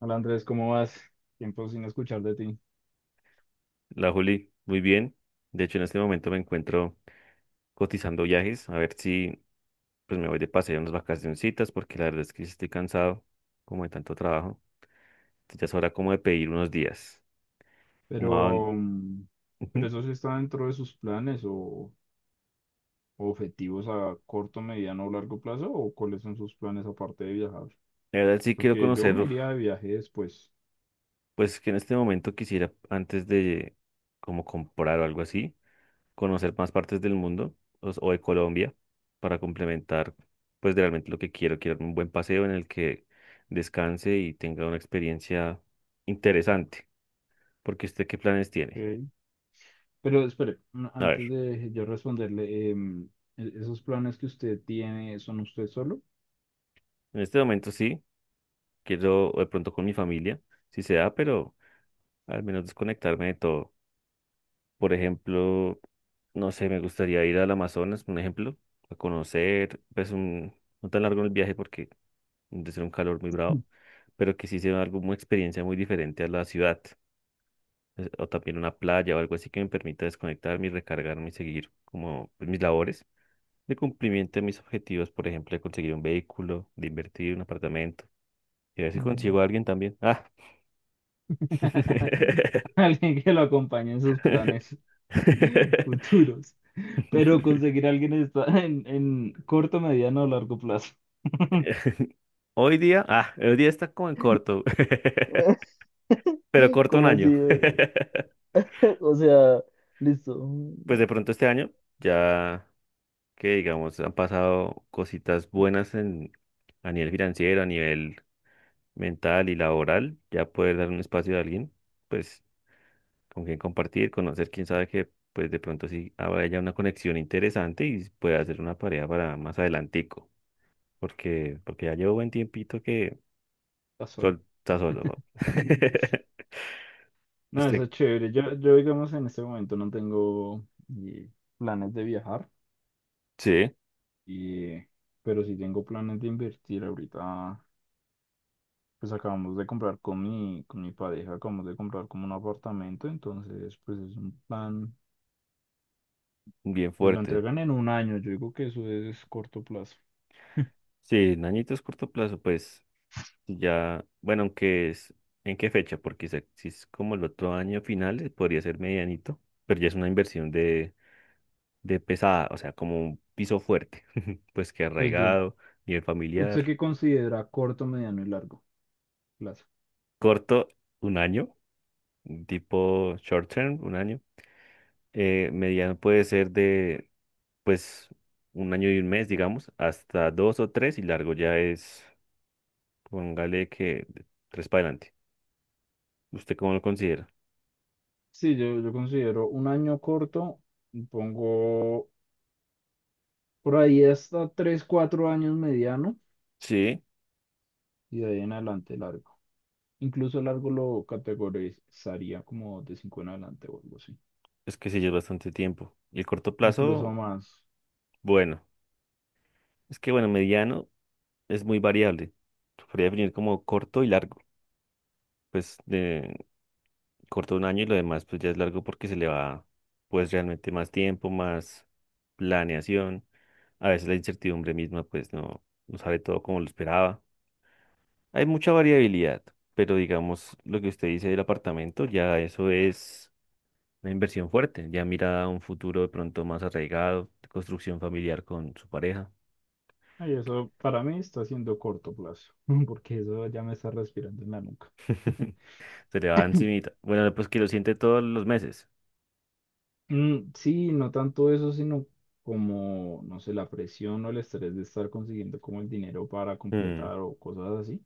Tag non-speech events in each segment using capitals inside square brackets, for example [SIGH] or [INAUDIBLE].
Hola Andrés, ¿cómo vas? Tiempo sin escuchar de ti. La Juli, muy bien. De hecho, en este momento me encuentro cotizando viajes, a ver si pues me voy de paseo unas vacacioncitas, porque la verdad es que sí estoy cansado como de tanto trabajo. Entonces, ya es hora como de pedir unos días. Como a dónde- Pero, mm, ¿pero Ujú. eso sí está dentro de sus planes o, objetivos a corto, mediano o largo plazo? ¿O cuáles son sus planes aparte de viajar? La verdad sí quiero Porque yo conocer, me iría de viaje después. pues que en este momento quisiera antes de como comprar o algo así, conocer más partes del mundo o de Colombia para complementar, pues de realmente lo que quiero. Quiero un buen paseo en el que descanse y tenga una experiencia interesante. Porque usted, ¿qué planes tiene? Ok. Pero espere, A ver, antes de yo responderle, ¿esos planes que usted tiene son usted solo? en este momento sí, quiero de pronto con mi familia, si se da, pero al menos desconectarme de todo. Por ejemplo, no sé, me gustaría ir al Amazonas, un ejemplo, a conocer, pues no tan largo el viaje porque de ser un calor muy bravo, pero que sí sea algo, una experiencia muy diferente a la ciudad, o también una playa o algo así que me permita desconectarme y recargarme y seguir como pues, mis labores de cumplimiento de mis objetivos, por ejemplo, de conseguir un vehículo, de invertir en un apartamento, y a ver si Ujú. consigo a alguien también. Ah. [LAUGHS] Alguien que lo acompañe en sus planes [LAUGHS] [LAUGHS] futuros. Pero conseguir a alguien está [LAUGHS] en, corto, mediano o largo plazo. Hoy día está como en corto, [LAUGHS] [LAUGHS] pero corto un ¿Cómo así? año. [LAUGHS] [LAUGHS] O sea, listo. Pues de pronto este año ya, que digamos han pasado cositas buenas en, a nivel financiero, a nivel mental y laboral, ya poder dar un espacio a alguien, pues con quien compartir, conocer, quién sabe que pues de pronto sí habrá ya una conexión interesante y pueda hacer una pareja para más adelantico, porque ya llevo buen tiempito que Está solo. Está solo, ¿no? [LAUGHS] No, eso Este, es chévere. Yo digamos, en este momento no tengo eh, planes de viajar, sí, y, pero sí tengo planes de invertir. Ahorita, pues acabamos de comprar con mi, pareja, acabamos de comprar como un apartamento, entonces, pues es un plan. bien Pues lo fuerte. entregan en un año, yo digo que eso es corto plazo. Sí, en añitos corto plazo, pues. Ya, bueno, ¿en qué fecha? Porque si es como el otro año finales, podría ser medianito, pero ya es una inversión de pesada, o sea, como un piso fuerte, [LAUGHS] pues que Pues yo arraigado, nivel ¿Usted familiar, qué considera corto, mediano y largo plazo? corto, un año, tipo short term, un año, mediano puede ser de, pues, un año y un mes, digamos, hasta 2 o 3, y largo ya es, póngale que de 3 para adelante. ¿Usted cómo lo considera? Sí, yo considero un año corto, y pongo por ahí hasta 3 4 años mediano Sí, y de ahí en adelante largo. Incluso largo lo categorizaría como de 5 en adelante o algo así. es que sí, ya es bastante tiempo. Y el corto Incluso plazo, más. bueno, es que bueno, mediano es muy variable. Se podría definir como corto y largo. Pues de corto un año y lo demás pues ya es largo porque se le va pues realmente más tiempo, más planeación. A veces la incertidumbre misma pues no, no sale todo como lo esperaba. Hay mucha variabilidad, pero digamos lo que usted dice del apartamento, ya eso es una inversión fuerte. Ya mira a un futuro de pronto más arraigado, de construcción familiar con su pareja. Y eso para mí está siendo corto plazo, [LAUGHS] porque eso ya me está respirando en la nuca. [LAUGHS] Se le va encimita. Bueno, pues que lo siente todos los meses. Mm, sí, no tanto eso, sino como, no sé, la presión o el estrés de estar consiguiendo como el dinero para Mm, completar o cosas así.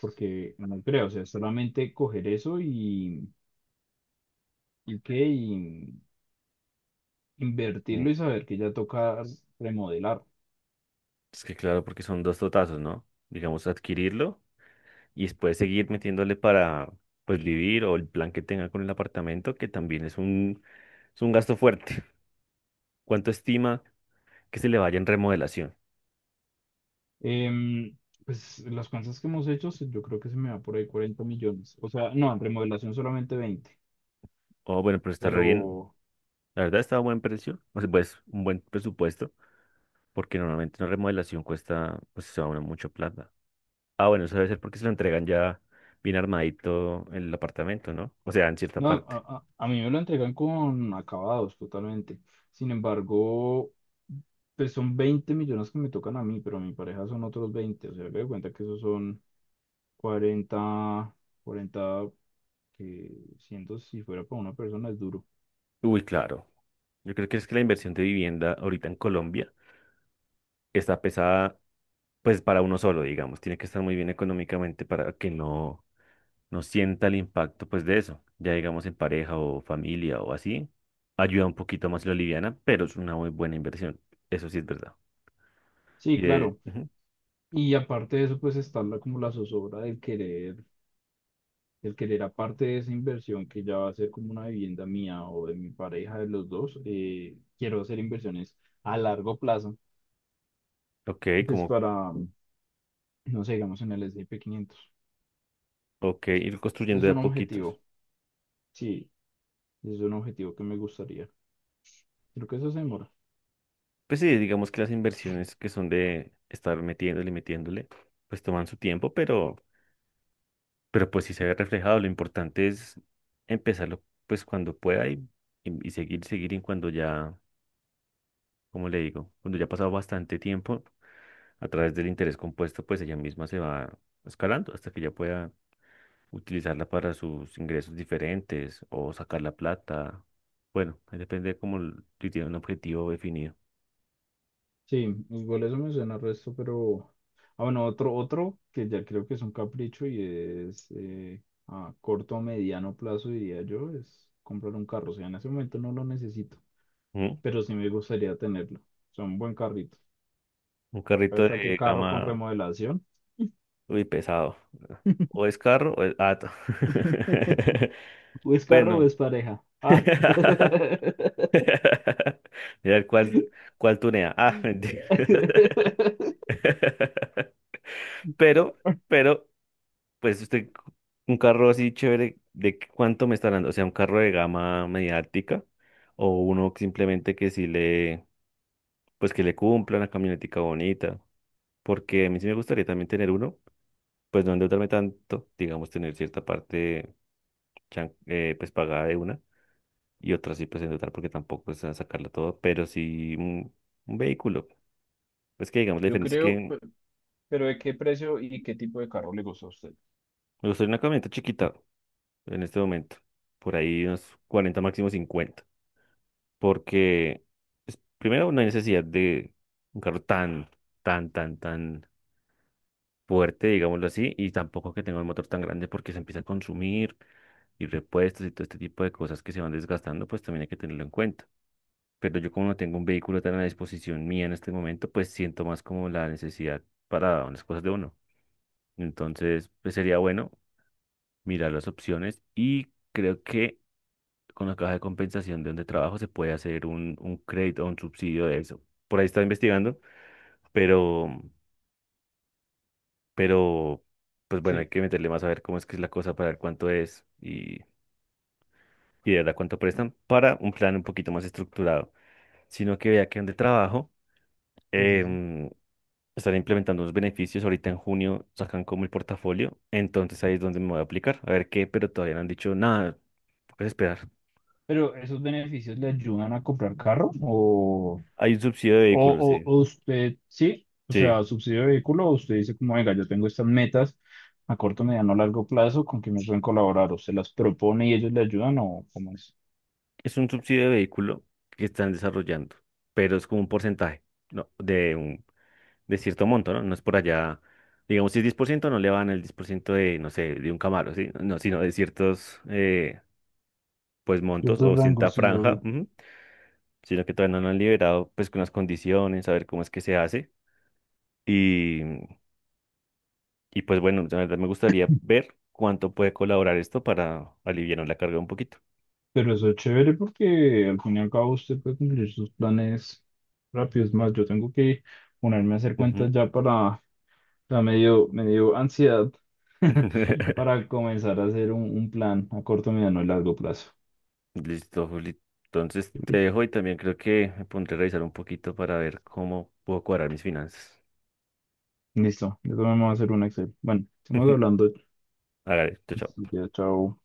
Porque no creo, o sea, solamente coger eso y qué, y mm, invertirlo y saber que ya toca remodelar. es que claro, porque son dos totazos, ¿no? Digamos, adquirirlo y después seguir metiéndole para, pues, vivir o el plan que tenga con el apartamento, que también es un gasto fuerte. [LAUGHS] ¿Cuánto estima que se le vaya en remodelación? Em, pues las cosas que hemos hecho, yo creo que se me va por ahí 40 millones. O sea, no, en remodelación solamente 20, Oh, bueno, pero está re bien. pero La verdad está a buen precio, o sea, pues, un buen presupuesto, porque normalmente una remodelación cuesta, pues, se va mucho plata. Ah, bueno, eso debe ser porque se lo entregan ya bien armadito en el apartamento, ¿no? O sea, en cierta no, a, parte. a- a mí me lo entregan con acabados totalmente. Sin embargo, pues son 20 millones que me tocan a mí, pero a mi pareja son otros veinte. O sea, me doy cuenta que esos son 40 40 que siento si fuera para una persona es duro. Uy, claro. Yo creo que es que la inversión de vivienda ahorita en Colombia está pesada, pues para uno solo, digamos. Tiene que estar muy bien económicamente para que no, no sienta el impacto, pues de eso. Ya digamos en pareja o familia o así, ayuda un poquito más la liviana, pero es una muy buena inversión. Eso sí es verdad. Y Sí, de, claro. ujú, Y aparte de eso, pues está la, como la zozobra del querer aparte de esa inversión que ya va a ser como una vivienda mía o de mi pareja, de los dos, quiero hacer inversiones a largo plazo, ok, pues como, para, no sé, digamos en el S&P 500. ok, ir Ese construyendo es de a un poquitos. objetivo, sí, ese es un objetivo que me gustaría. Creo que eso se demora. Pues sí, digamos que las inversiones que son de estar metiéndole metiéndole, pues toman su tiempo, pero pues sí se ve reflejado. Lo importante es empezarlo pues cuando pueda y, y seguir, seguir y cuando ya, como le digo, cuando ya ha pasado bastante tiempo, a través del interés compuesto, pues ella misma se va escalando hasta que ya pueda utilizarla para sus ingresos diferentes o sacar la plata. Bueno, ahí depende como si tiene un objetivo definido. Sí, igual eso me suena al resto, pero... Ah, bueno, otro que ya creo que es un capricho y es a corto o mediano plazo, diría yo, es comprar un carro. O sea, en ese momento no lo necesito, ¿Mm? pero sí me gustaría tenerlo. O sea, un buen carrito. Un carrito ¿Hasta qué de carro con gama. remodelación? Uy, pesado. O es carro o es gato. [LAUGHS] ¿O es carro o Bueno. es pareja? Ah. [LAUGHS] Mira cuál tunea. Ah, mentira. [LAUGHS] [LAUGHS] Pero, pero, pues usted, un carro así chévere, ¿cuánto me está hablando? O sea, un carro de gama mediática o uno que simplemente que sí le, pues que le cumpla una camionetica bonita. Porque a mí sí me gustaría también tener uno, pues no endeudarme tanto, digamos, tener cierta parte pues pagada de una y otra sí pues en total porque tampoco es a sacarla todo, pero sí un vehículo. Es que digamos la Yo diferencia es que creo, pero ¿de qué precio y qué tipo de carro le gustó a usted? me gustaría una camioneta chiquita en este momento, por ahí unos 40 máximo 50 porque pues, primero no hay necesidad de un carro tan fuerte, digámoslo así, y tampoco que tenga un motor tan grande porque se empieza a consumir y repuestos y todo este tipo de cosas que se van desgastando, pues también hay que tenerlo en cuenta. Pero yo como no tengo un vehículo tan a disposición mía en este momento, pues siento más como la necesidad para unas cosas de uno. Entonces, pues sería bueno mirar las opciones y creo que con la caja de compensación de donde trabajo se puede hacer un crédito o un subsidio de eso. Por ahí estaba investigando, pero, pero, pues bueno, hay Sí, que meterle más a ver cómo es que es la cosa para ver cuánto es y de verdad cuánto prestan para un plan un poquito más estructurado, sino que vea que donde trabajo. sí, sí, sí. em, Están implementando unos beneficios. Ahorita en junio sacan como el portafolio. Entonces ahí es donde me voy a aplicar. A ver qué, pero todavía no han dicho nada. Puedes esperar. Pero ¿esos beneficios le ayudan a comprar carro? ¿O, Hay un subsidio de o, vehículos, o- sí. o usted, sí? O Sí. sea, subsidio de vehículo, o usted dice como, venga, yo tengo estas metas a corto, mediano, largo plazo, ¿con quién me pueden colaborar? ¿O se las propone y ellos le ayudan o cómo es? Es un subsidio de vehículo que están desarrollando, pero es como un porcentaje, ¿no? De cierto monto, ¿no? No es por allá. Digamos, si es 10% no le van el 10% de, no sé, de un Camaro, ¿sí? No, sino de ciertos, pues, montos Ciertos o cierta rangos, sí, franja. obvio. Sino que todavía no lo han liberado, pues con las condiciones, a ver cómo es que se hace. Y, y pues bueno, la verdad me gustaría ver cuánto puede colaborar esto para aliviar la carga un poquito. Pero eso es chévere porque al fin y al cabo usted puede cumplir sus planes rápidos. Es más, yo tengo que ponerme a hacer cuentas Ujú. ya para... O sea, me dio ansiedad [LAUGHS] [LAUGHS] para comenzar a hacer un plan a corto, mediano y largo plazo. Listo, Juli. Entonces te dejo y también creo que me pondré a revisar un poquito para ver cómo puedo cuadrar mis finanzas. Listo, yo también me voy a hacer un Excel. Bueno, estamos [LAUGHS] hablando. Hágale, chao, Listo, chao. ya, chao.